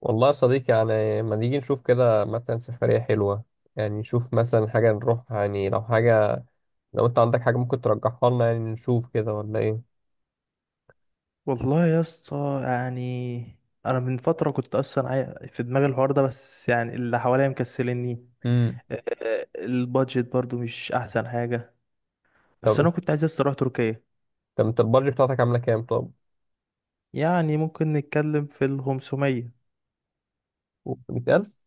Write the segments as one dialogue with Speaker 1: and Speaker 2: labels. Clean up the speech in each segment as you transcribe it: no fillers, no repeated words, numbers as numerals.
Speaker 1: والله يا صديقي، يعني ما نيجي نشوف كده مثلا سفرية حلوة؟ يعني نشوف مثلا حاجة نروح، يعني لو حاجة، لو انت عندك حاجة ممكن ترجحها لنا، يعني نشوف كده ولا ايه؟
Speaker 2: والله يا اسطى، يعني انا من فتره كنت اصلا في دماغي الحوار ده، بس يعني اللي حواليا مكسلني.
Speaker 1: امم.
Speaker 2: البادجت برضو مش احسن حاجه.
Speaker 1: طب
Speaker 2: بس انا
Speaker 1: انت
Speaker 2: كنت عايز يا اسطى اروح تركيا.
Speaker 1: طب انت البادجت بتاعتك عاملة كام طب؟
Speaker 2: يعني ممكن نتكلم في ال 500.
Speaker 1: 500000؟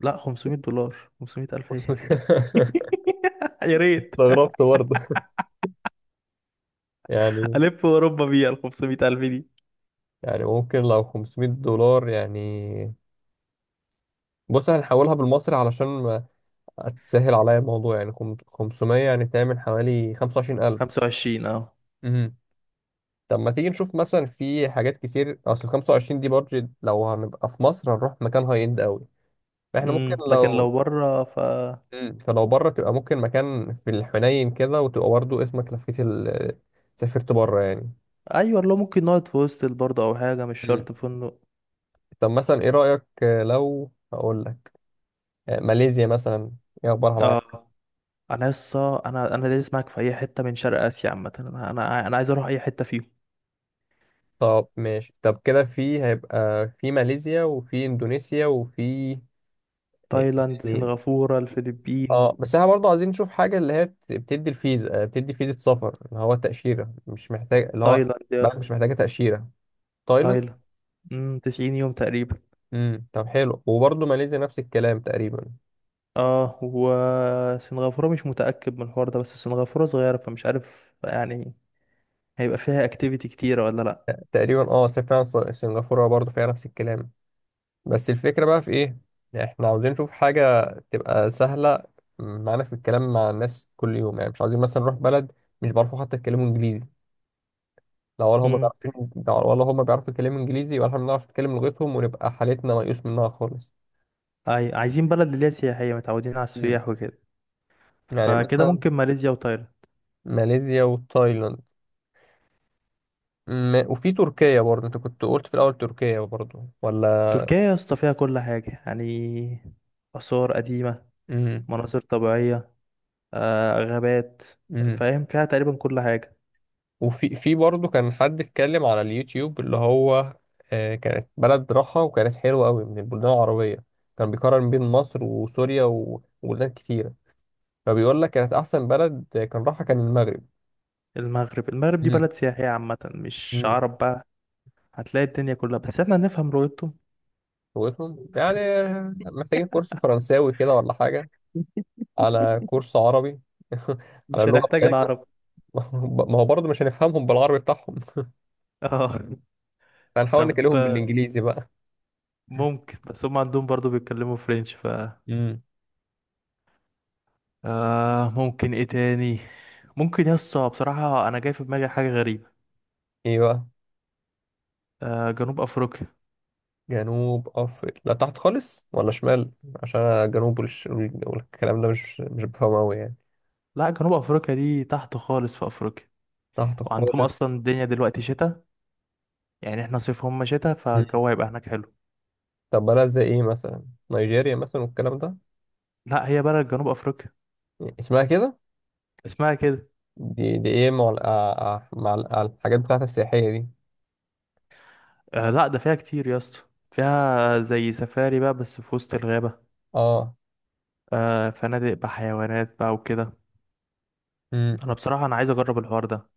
Speaker 2: لا، $500. 500 الف ايه؟ يا ريت.
Speaker 1: استغربت برضه يعني
Speaker 2: الف اوروبا بيها ال 500 الف دي.
Speaker 1: يعني ممكن لو $500 يعني. بص هنحولها بالمصري علشان ما تسهل عليا الموضوع، يعني 500 يعني تعمل حوالي 25000.
Speaker 2: 25، اه.
Speaker 1: طب ما تيجي نشوف مثلا في حاجات كتير، اصل 25 دي بادجت، لو هنبقى في مصر هنروح مكان هاي اند قوي، فاحنا ممكن
Speaker 2: لكن لو
Speaker 1: لو
Speaker 2: بره ف.
Speaker 1: مم. فلو بره تبقى ممكن مكان في الحنين كده، وتبقى برضه اسمك لفيت ال... آه، سافرت بره يعني.
Speaker 2: ايوه، لو ممكن نقعد في هوستل برضه او حاجه مش
Speaker 1: مم.
Speaker 2: شرط فندق.
Speaker 1: طب مثلا ايه رأيك؟ لو هقول لك ماليزيا مثلا، ايه اخبارها معاك؟
Speaker 2: اه، انا لسه انا دايس معاك في اي حته من شرق اسيا عامه، انا عايز اروح اي حته فيهم.
Speaker 1: طب ماشي، طب كده في هيبقى في ماليزيا وفي اندونيسيا وفي،
Speaker 2: تايلاند،
Speaker 1: يعني.
Speaker 2: سنغافوره، الفلبين.
Speaker 1: اه بس احنا برضه عايزين نشوف حاجة اللي هي بتدي الفيزا، بتدي فيزا سفر، اللي هو تأشيرة مش محتاج، اللي هو
Speaker 2: تايلاند يا
Speaker 1: بلد
Speaker 2: اسطى،
Speaker 1: مش محتاجة تأشيرة. تايلاند.
Speaker 2: تايلاند. 90 يوم تقريبا.
Speaker 1: امم. طب حلو، وبرضه ماليزيا نفس الكلام تقريبا.
Speaker 2: اه، وسنغافوره مش متاكد من الحوار ده، بس سنغافوره صغيره فمش عارف يعني. هيبقى فيها اكتيفيتي كتيره ولا لا؟
Speaker 1: تقريبا اه، فعلا سنغافورة برضه فيها نفس الكلام. بس الفكرة بقى في ايه؟ احنا عاوزين نشوف حاجة تبقى سهلة معانا في الكلام مع الناس كل يوم، يعني مش عايزين مثلا نروح بلد مش بيعرفوا حتى يتكلموا انجليزي، لا ولا هم
Speaker 2: امم
Speaker 1: بيعرفوا، ولا هم بيعرفوا يتكلموا انجليزي، ولا احنا بنعرف نتكلم لغتهم، ونبقى حالتنا ميؤوس منها خالص.
Speaker 2: اي، عايزين بلد اللي هي سياحيه، متعودين على السياح وكده.
Speaker 1: يعني
Speaker 2: فكده
Speaker 1: مثلا
Speaker 2: ممكن ماليزيا وتايلاند.
Speaker 1: ماليزيا وتايلاند. وفي تركيا برضه، انت كنت قلت في الاول تركيا برضه ولا؟
Speaker 2: تركيا يا اسطى فيها كل حاجه يعني. آثار قديمة،
Speaker 1: امم
Speaker 2: مناظر طبيعية، غابات.
Speaker 1: امم
Speaker 2: فاهم فيها تقريبا كل حاجة.
Speaker 1: وفي في برضه كان حد اتكلم على اليوتيوب، اللي هو آه، كانت بلد راحة وكانت حلوة قوي من البلدان العربية. كان بيقارن بين مصر وسوريا وبلدان كتيرة، فبيقول لك كانت أحسن بلد، كان راحة، كان المغرب.
Speaker 2: المغرب، المغرب دي
Speaker 1: امم
Speaker 2: بلد سياحية عامة مش
Speaker 1: امم
Speaker 2: عرب بقى. هتلاقي الدنيا كلها، بس احنا هنفهم لغتهم.
Speaker 1: لغتهم يعني. محتاجين كورس فرنساوي كده ولا حاجة؟ على كورس عربي. على
Speaker 2: مش
Speaker 1: اللغة
Speaker 2: هنحتاج
Speaker 1: بتاعتهم.
Speaker 2: العرب.
Speaker 1: ما هو برضه مش هنفهمهم بالعربي بتاعهم.
Speaker 2: اه.
Speaker 1: هنحاول
Speaker 2: طب
Speaker 1: نكلمهم بالانجليزي بقى.
Speaker 2: ممكن، بس هم عندهم برضو بيتكلموا فرنش ف.
Speaker 1: امم
Speaker 2: ممكن ايه تاني؟ ممكن يا اسطى بصراحة انا جاي في دماغي حاجة غريبة.
Speaker 1: ايه بقى؟
Speaker 2: جنوب افريقيا.
Speaker 1: جنوب افريقيا؟ لا تحت خالص ولا شمال؟ عشان أنا جنوب والكلام ده مش بفهمه قوي يعني.
Speaker 2: لا، جنوب افريقيا دي تحت خالص في افريقيا.
Speaker 1: تحت
Speaker 2: وعندهم
Speaker 1: خالص.
Speaker 2: اصلا الدنيا دلوقتي شتاء. يعني احنا صيف هم شتاء،
Speaker 1: مم.
Speaker 2: فالجو هيبقى هناك حلو.
Speaker 1: طب بلد زي ايه مثلا؟ نيجيريا مثلا والكلام ده؟
Speaker 2: لا، هي بلد جنوب افريقيا،
Speaker 1: اسمها كده.
Speaker 2: اسمها كده.
Speaker 1: دي دي ايه مع مع الحاجات بتاعت السياحية دي؟
Speaker 2: لا، ده فيها كتير يا اسطى. فيها زي سفاري بقى بس في وسط الغابة.
Speaker 1: اه.
Speaker 2: فنادق بحيوانات بقى وكده.
Speaker 1: امم.
Speaker 2: انا بصراحة انا عايز اجرب الحوار ده.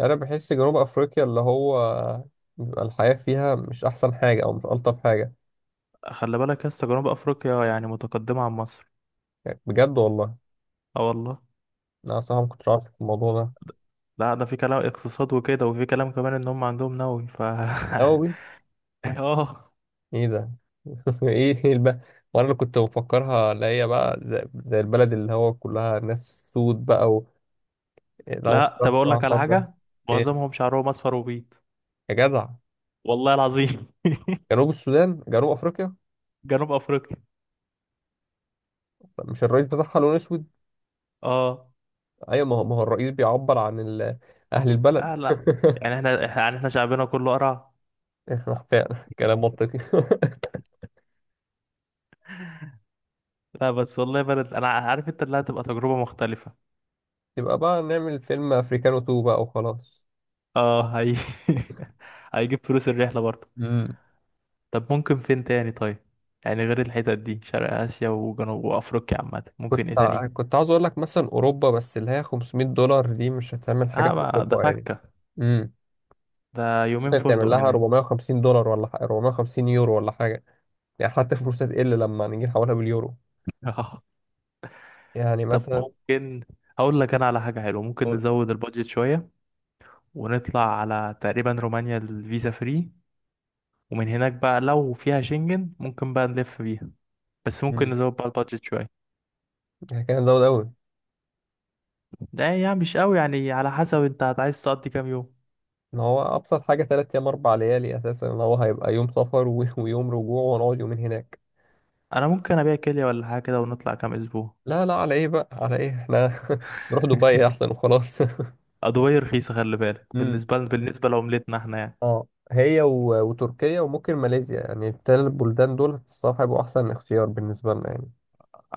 Speaker 1: انا بحس جنوب افريقيا اللي هو بيبقى الحياة فيها مش احسن حاجة او مش الطف حاجة.
Speaker 2: خلي بالك يا اسطى، جنوب افريقيا يعني متقدمة عن مصر.
Speaker 1: يعني بجد والله؟
Speaker 2: اه والله.
Speaker 1: لا صعب كنت عارف الموضوع ده.
Speaker 2: لا، ده في كلام اقتصاد وكده، وفي كلام كمان ان هم عندهم نووي ف
Speaker 1: لا والله.
Speaker 2: اه،
Speaker 1: ايه ده؟ ايه الب... وانا اللي كنت مفكرها اللي هي بقى زي البلد اللي هو كلها ناس سود بقى و... لا ما كنتش
Speaker 2: لا.
Speaker 1: عارف
Speaker 2: طب اقول
Speaker 1: الصراحة
Speaker 2: لك على
Speaker 1: الحوار ده.
Speaker 2: حاجة.
Speaker 1: ايه
Speaker 2: معظمهم شعرهم اصفر وبيض.
Speaker 1: يا جدع؟
Speaker 2: والله العظيم.
Speaker 1: جنوب السودان؟ جنوب افريقيا؟
Speaker 2: جنوب افريقيا.
Speaker 1: مش الرئيس بتاعها لون اسود؟
Speaker 2: اه،
Speaker 1: ايوه، ما هو الرئيس بيعبر عن ال... اهل البلد.
Speaker 2: لا. يعني احنا يعني احنا شعبنا كله قرع.
Speaker 1: فعلا كلام منطقي.
Speaker 2: لا بس والله بلد، انا عارف انت اللي هتبقى تجربة مختلفة.
Speaker 1: يبقى بقى نعمل فيلم افريكانو 2 بقى وخلاص.
Speaker 2: اه هي. هيجيب فلوس الرحلة برضه.
Speaker 1: مم.
Speaker 2: طب ممكن فين تاني طيب؟ يعني غير الحتت دي شرق آسيا وجنوب وأفريقيا عامة، ممكن
Speaker 1: كنت
Speaker 2: ايه تاني؟
Speaker 1: كنت عاوز اقول لك مثلا اوروبا، بس اللي هي $500 دي مش هتعمل حاجه
Speaker 2: اه،
Speaker 1: في
Speaker 2: ما ده
Speaker 1: اوروبا يعني.
Speaker 2: فكة.
Speaker 1: امم
Speaker 2: ده يومين
Speaker 1: ممكن
Speaker 2: فندق
Speaker 1: تعمل لها
Speaker 2: هناك.
Speaker 1: $450 ولا حاجة، 450 يورو ولا حاجه، يعني حتى فلوسها تقل لما نيجي نحولها باليورو،
Speaker 2: اه.
Speaker 1: يعني
Speaker 2: طب
Speaker 1: مثلا.
Speaker 2: ممكن. هقول لك انا على حاجة حلوة، ممكن
Speaker 1: قول.
Speaker 2: نزود البادجت شوية. ونطلع على تقريبا رومانيا، الفيزا فري. ومن هناك بقى لو فيها شنجن ممكن بقى نلف بيها. بس ممكن
Speaker 1: امم
Speaker 2: نزود بقى البادجت شوية.
Speaker 1: كان زود قوي.
Speaker 2: ده يعني مش قوي يعني، على حسب انت عايز تقضي كام يوم.
Speaker 1: ان هو ابسط حاجه 3 ايام 4 ليالي، اساسا ان هو هيبقى يوم سفر ويوم رجوع ونقعد يومين هناك.
Speaker 2: انا ممكن ابيع كلية ولا حاجة كده ونطلع كام اسبوع.
Speaker 1: لا لا، على ايه بقى، على ايه احنا نروح دبي احسن وخلاص.
Speaker 2: ادوية رخيصة خلي بالك،
Speaker 1: امم
Speaker 2: بالنسبة لعملتنا احنا يعني.
Speaker 1: اه، هي و... وتركيا وممكن ماليزيا، يعني التلات بلدان دول الصراحة هيبقوا أحسن اختيار بالنسبة لنا يعني.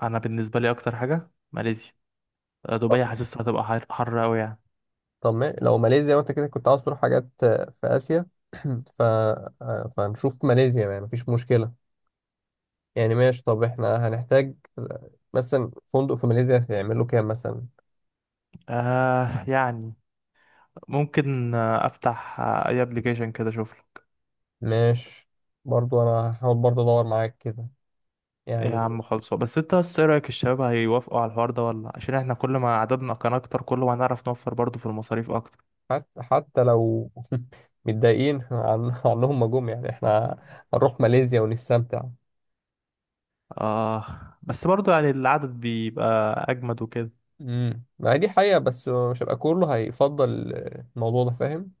Speaker 2: انا بالنسبة لي اكتر حاجة ماليزيا.
Speaker 1: طب،
Speaker 2: دبي حاسسها هتبقى حر حر قوي يعني.
Speaker 1: طب لو ماليزيا، وأنت كده كنت عاوز تروح حاجات في آسيا. ف... آه، فنشوف ماليزيا يعني، مفيش مشكلة. يعني ماشي، طب احنا هنحتاج مثلا فندق في ماليزيا هيعمله كام مثلا؟
Speaker 2: يعني ممكن، افتح اي ابلكيشن كده اشوف له.
Speaker 1: ماشي. برضو أنا هحاول برضو أدور معاك كده
Speaker 2: ايه يا
Speaker 1: يعني.
Speaker 2: عم؟ خلصوا بس انت، بس ايه رايك؟ الشباب هيوافقوا على الحوار ده ولا؟ عشان احنا كل ما عددنا كان اكتر كل ما هنعرف نوفر برضه في المصاريف اكتر.
Speaker 1: حتى حتى لو متضايقين عنهم ما جم، يعني احنا هنروح ماليزيا ونستمتع.
Speaker 2: اه، بس برضه يعني العدد بيبقى اجمد وكده.
Speaker 1: ما هي دي حقيقة، بس مش هيبقى كله هيفضل الموضوع ده فاهم.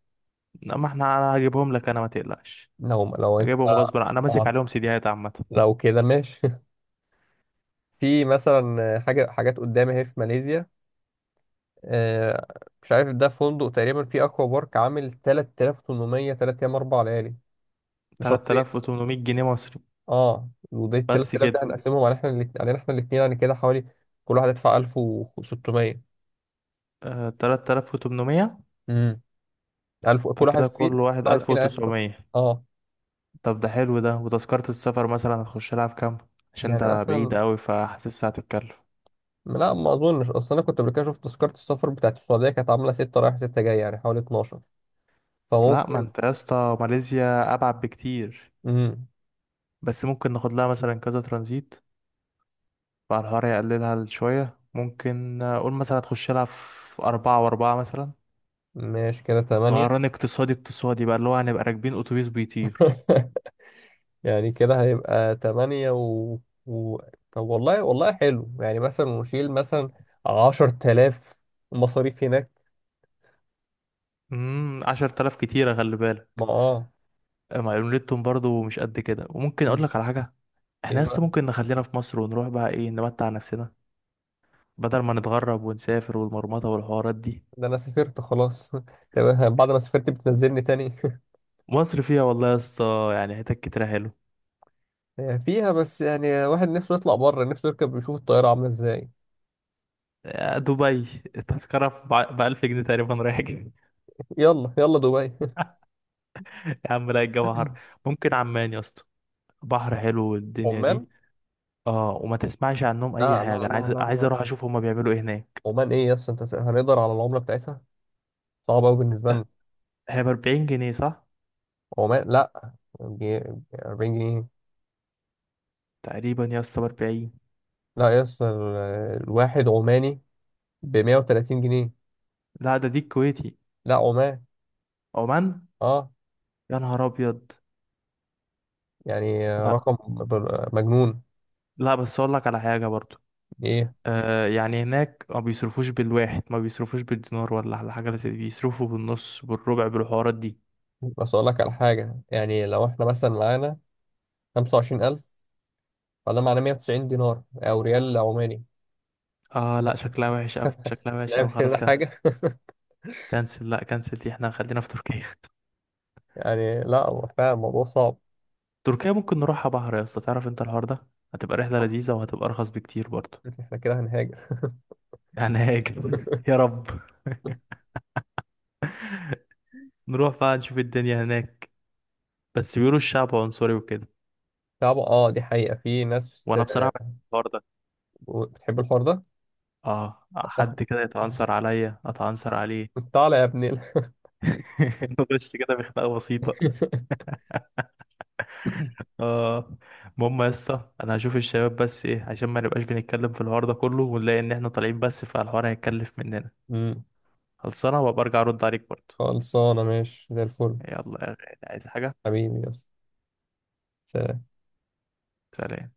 Speaker 2: لا، ما احنا انا هجيبهم لك، انا ما تقلقش.
Speaker 1: لو انت
Speaker 2: هجيبهم غصب عني. انا ماسك عليهم سيديهات عامة.
Speaker 1: لو كده ماشي. في مثلا حاجة، حاجات قدامي اهي في ماليزيا. آه، مش عارف ده فندق تقريبا في اكوا بارك عامل 3800، 3 ايام 4 ليالي لشخصين.
Speaker 2: 3800 جنيه مصري
Speaker 1: اه، وده ال
Speaker 2: بس
Speaker 1: 3000 ده
Speaker 2: كده.
Speaker 1: هنقسمهم على احنا الاتنين، علينا احنا الاثنين، يعني كده حوالي كل واحد يدفع 1600.
Speaker 2: 3800،
Speaker 1: امم 1000 كل واحد
Speaker 2: فكده
Speaker 1: فينا،
Speaker 2: كل
Speaker 1: كل
Speaker 2: واحد
Speaker 1: واحد فينا 1000.
Speaker 2: 1900.
Speaker 1: اه،
Speaker 2: طب ده حلو ده. وتذكرة السفر مثلا هتخش لها في كام؟ عشان
Speaker 1: يعني
Speaker 2: ده بعيد
Speaker 1: مثلا.
Speaker 2: قوي فحاسسها هتتكلف.
Speaker 1: لا ما اظنش، اصل انا كنت قبل كده شفت تذكره السفر بتاعت السعوديه كانت عامله 6 رايح 6 جاي، يعني حوالي 12.
Speaker 2: لا، ما
Speaker 1: فممكن.
Speaker 2: انت يا اسطى ماليزيا ابعد بكتير.
Speaker 1: امم
Speaker 2: بس ممكن ناخد لها مثلا كذا ترانزيت. فالحوار يقللها شوية، ممكن قول مثلا هتخش لها في أربعة وأربعة مثلا.
Speaker 1: ماشي كده 8.
Speaker 2: طيران اقتصادي اقتصادي بقى، اللي هو هنبقى راكبين اتوبيس بيطير.
Speaker 1: يعني كده هيبقى 8 و... و... طب والله والله حلو، يعني مثلا نشيل مثلا 10000 مصاريف هناك.
Speaker 2: 10,000 كتيرة خلي
Speaker 1: ما
Speaker 2: بالك.
Speaker 1: اه.
Speaker 2: مع ليلتهم برضو مش قد كده. وممكن اقول
Speaker 1: مم.
Speaker 2: لك على حاجة. احنا
Speaker 1: ايه
Speaker 2: لسه
Speaker 1: بقى؟
Speaker 2: ممكن نخلينا في مصر ونروح بقى ايه، نمتع نفسنا. بدل ما نتغرب ونسافر والمرمطة والحوارات دي.
Speaker 1: ده انا سافرت خلاص. طب بعد ما سافرت بتنزلني تاني؟
Speaker 2: مصر فيها والله يا اسطى يعني حتت كتيرة حلو.
Speaker 1: فيها بس يعني واحد نفسه يطلع بره، نفسه يركب يشوف الطياره عامله ازاي.
Speaker 2: دبي التذكرة ب 1000 جنيه تقريبا رايح جاي.
Speaker 1: يلا يلا دبي.
Speaker 2: يا عم لا، الجو حر. ممكن عمان يا اسطى. بحر حلو والدنيا دي.
Speaker 1: عمان.
Speaker 2: اه، وما تسمعش عنهم اي
Speaker 1: لا
Speaker 2: حاجة.
Speaker 1: لا
Speaker 2: انا
Speaker 1: لا
Speaker 2: عايز
Speaker 1: لا
Speaker 2: عايز
Speaker 1: لا
Speaker 2: اروح
Speaker 1: لا.
Speaker 2: اشوف هما بيعملوا ايه هناك.
Speaker 1: عمان ايه يس؟ انت هنقدر على العملة بتاعتها؟ صعب قوي بالنسبة لنا.
Speaker 2: هي ب 40 جنيه صح؟
Speaker 1: عمان لا. جي- 40 جنيه؟
Speaker 2: تقريبا يا اسطى ب 40.
Speaker 1: لا يس الواحد عماني ب 130 جنيه.
Speaker 2: لا، ده دي الكويتي.
Speaker 1: لا عمان.
Speaker 2: عمان.
Speaker 1: اه.
Speaker 2: يا نهار ابيض.
Speaker 1: يعني
Speaker 2: لا،
Speaker 1: رقم مجنون.
Speaker 2: لا. بس اقول لك على حاجه برضو.
Speaker 1: ايه
Speaker 2: يعني هناك ما بيصرفوش بالواحد، ما بيصرفوش بالدينار ولا على حاجه زي دي، بيصرفوا بالنص بالربع بالحوارات دي.
Speaker 1: بس اقول لك على حاجة، يعني لو احنا مثلا معانا 25000، فده معناه 190 دينار او ريال عماني.
Speaker 2: اه لا، شكلها وحش قوي، شكلها وحش قوي،
Speaker 1: نعمل
Speaker 2: خلاص
Speaker 1: كده
Speaker 2: كنسل.
Speaker 1: حاجة.
Speaker 2: كنسل، لا كنسل، دي احنا خلينا في تركيا.
Speaker 1: يعني لا هو فعلا الموضوع صعب.
Speaker 2: تركيا ممكن نروحها بحر يا اسطى، تعرف انت الحوار ده. هتبقى رحله لذيذه وهتبقى ارخص بكتير برضو.
Speaker 1: احنا كده هنهاجر.
Speaker 2: هناك. يا رب نروح بقى نشوف الدنيا هناك. بس بيقولوا الشعب عنصري وكده.
Speaker 1: صعبة اه، دي حقيقة في ناس
Speaker 2: وانا بصراحه بحب الحوار ده.
Speaker 1: بتحب الحوار ده.
Speaker 2: اه، حد كده يتعنصر عليا اتعنصر عليه.
Speaker 1: الله تعالى يا ابني.
Speaker 2: نخش كده بخناقه بسيطه. اه، المهم يا اسطى انا هشوف الشباب، بس ايه، عشان ما نبقاش بنتكلم في الحوار ده كله ونلاقي ان احنا طالعين بس فالحوار هيتكلف مننا.
Speaker 1: أمم،
Speaker 2: خلصانه، وابقى ارجع ارد عليك برضه.
Speaker 1: خلصانة ماشي زي الفل.
Speaker 2: يلا يا غالي، عايز حاجه؟
Speaker 1: حبيبي يا اسطى. سلام.
Speaker 2: سلام.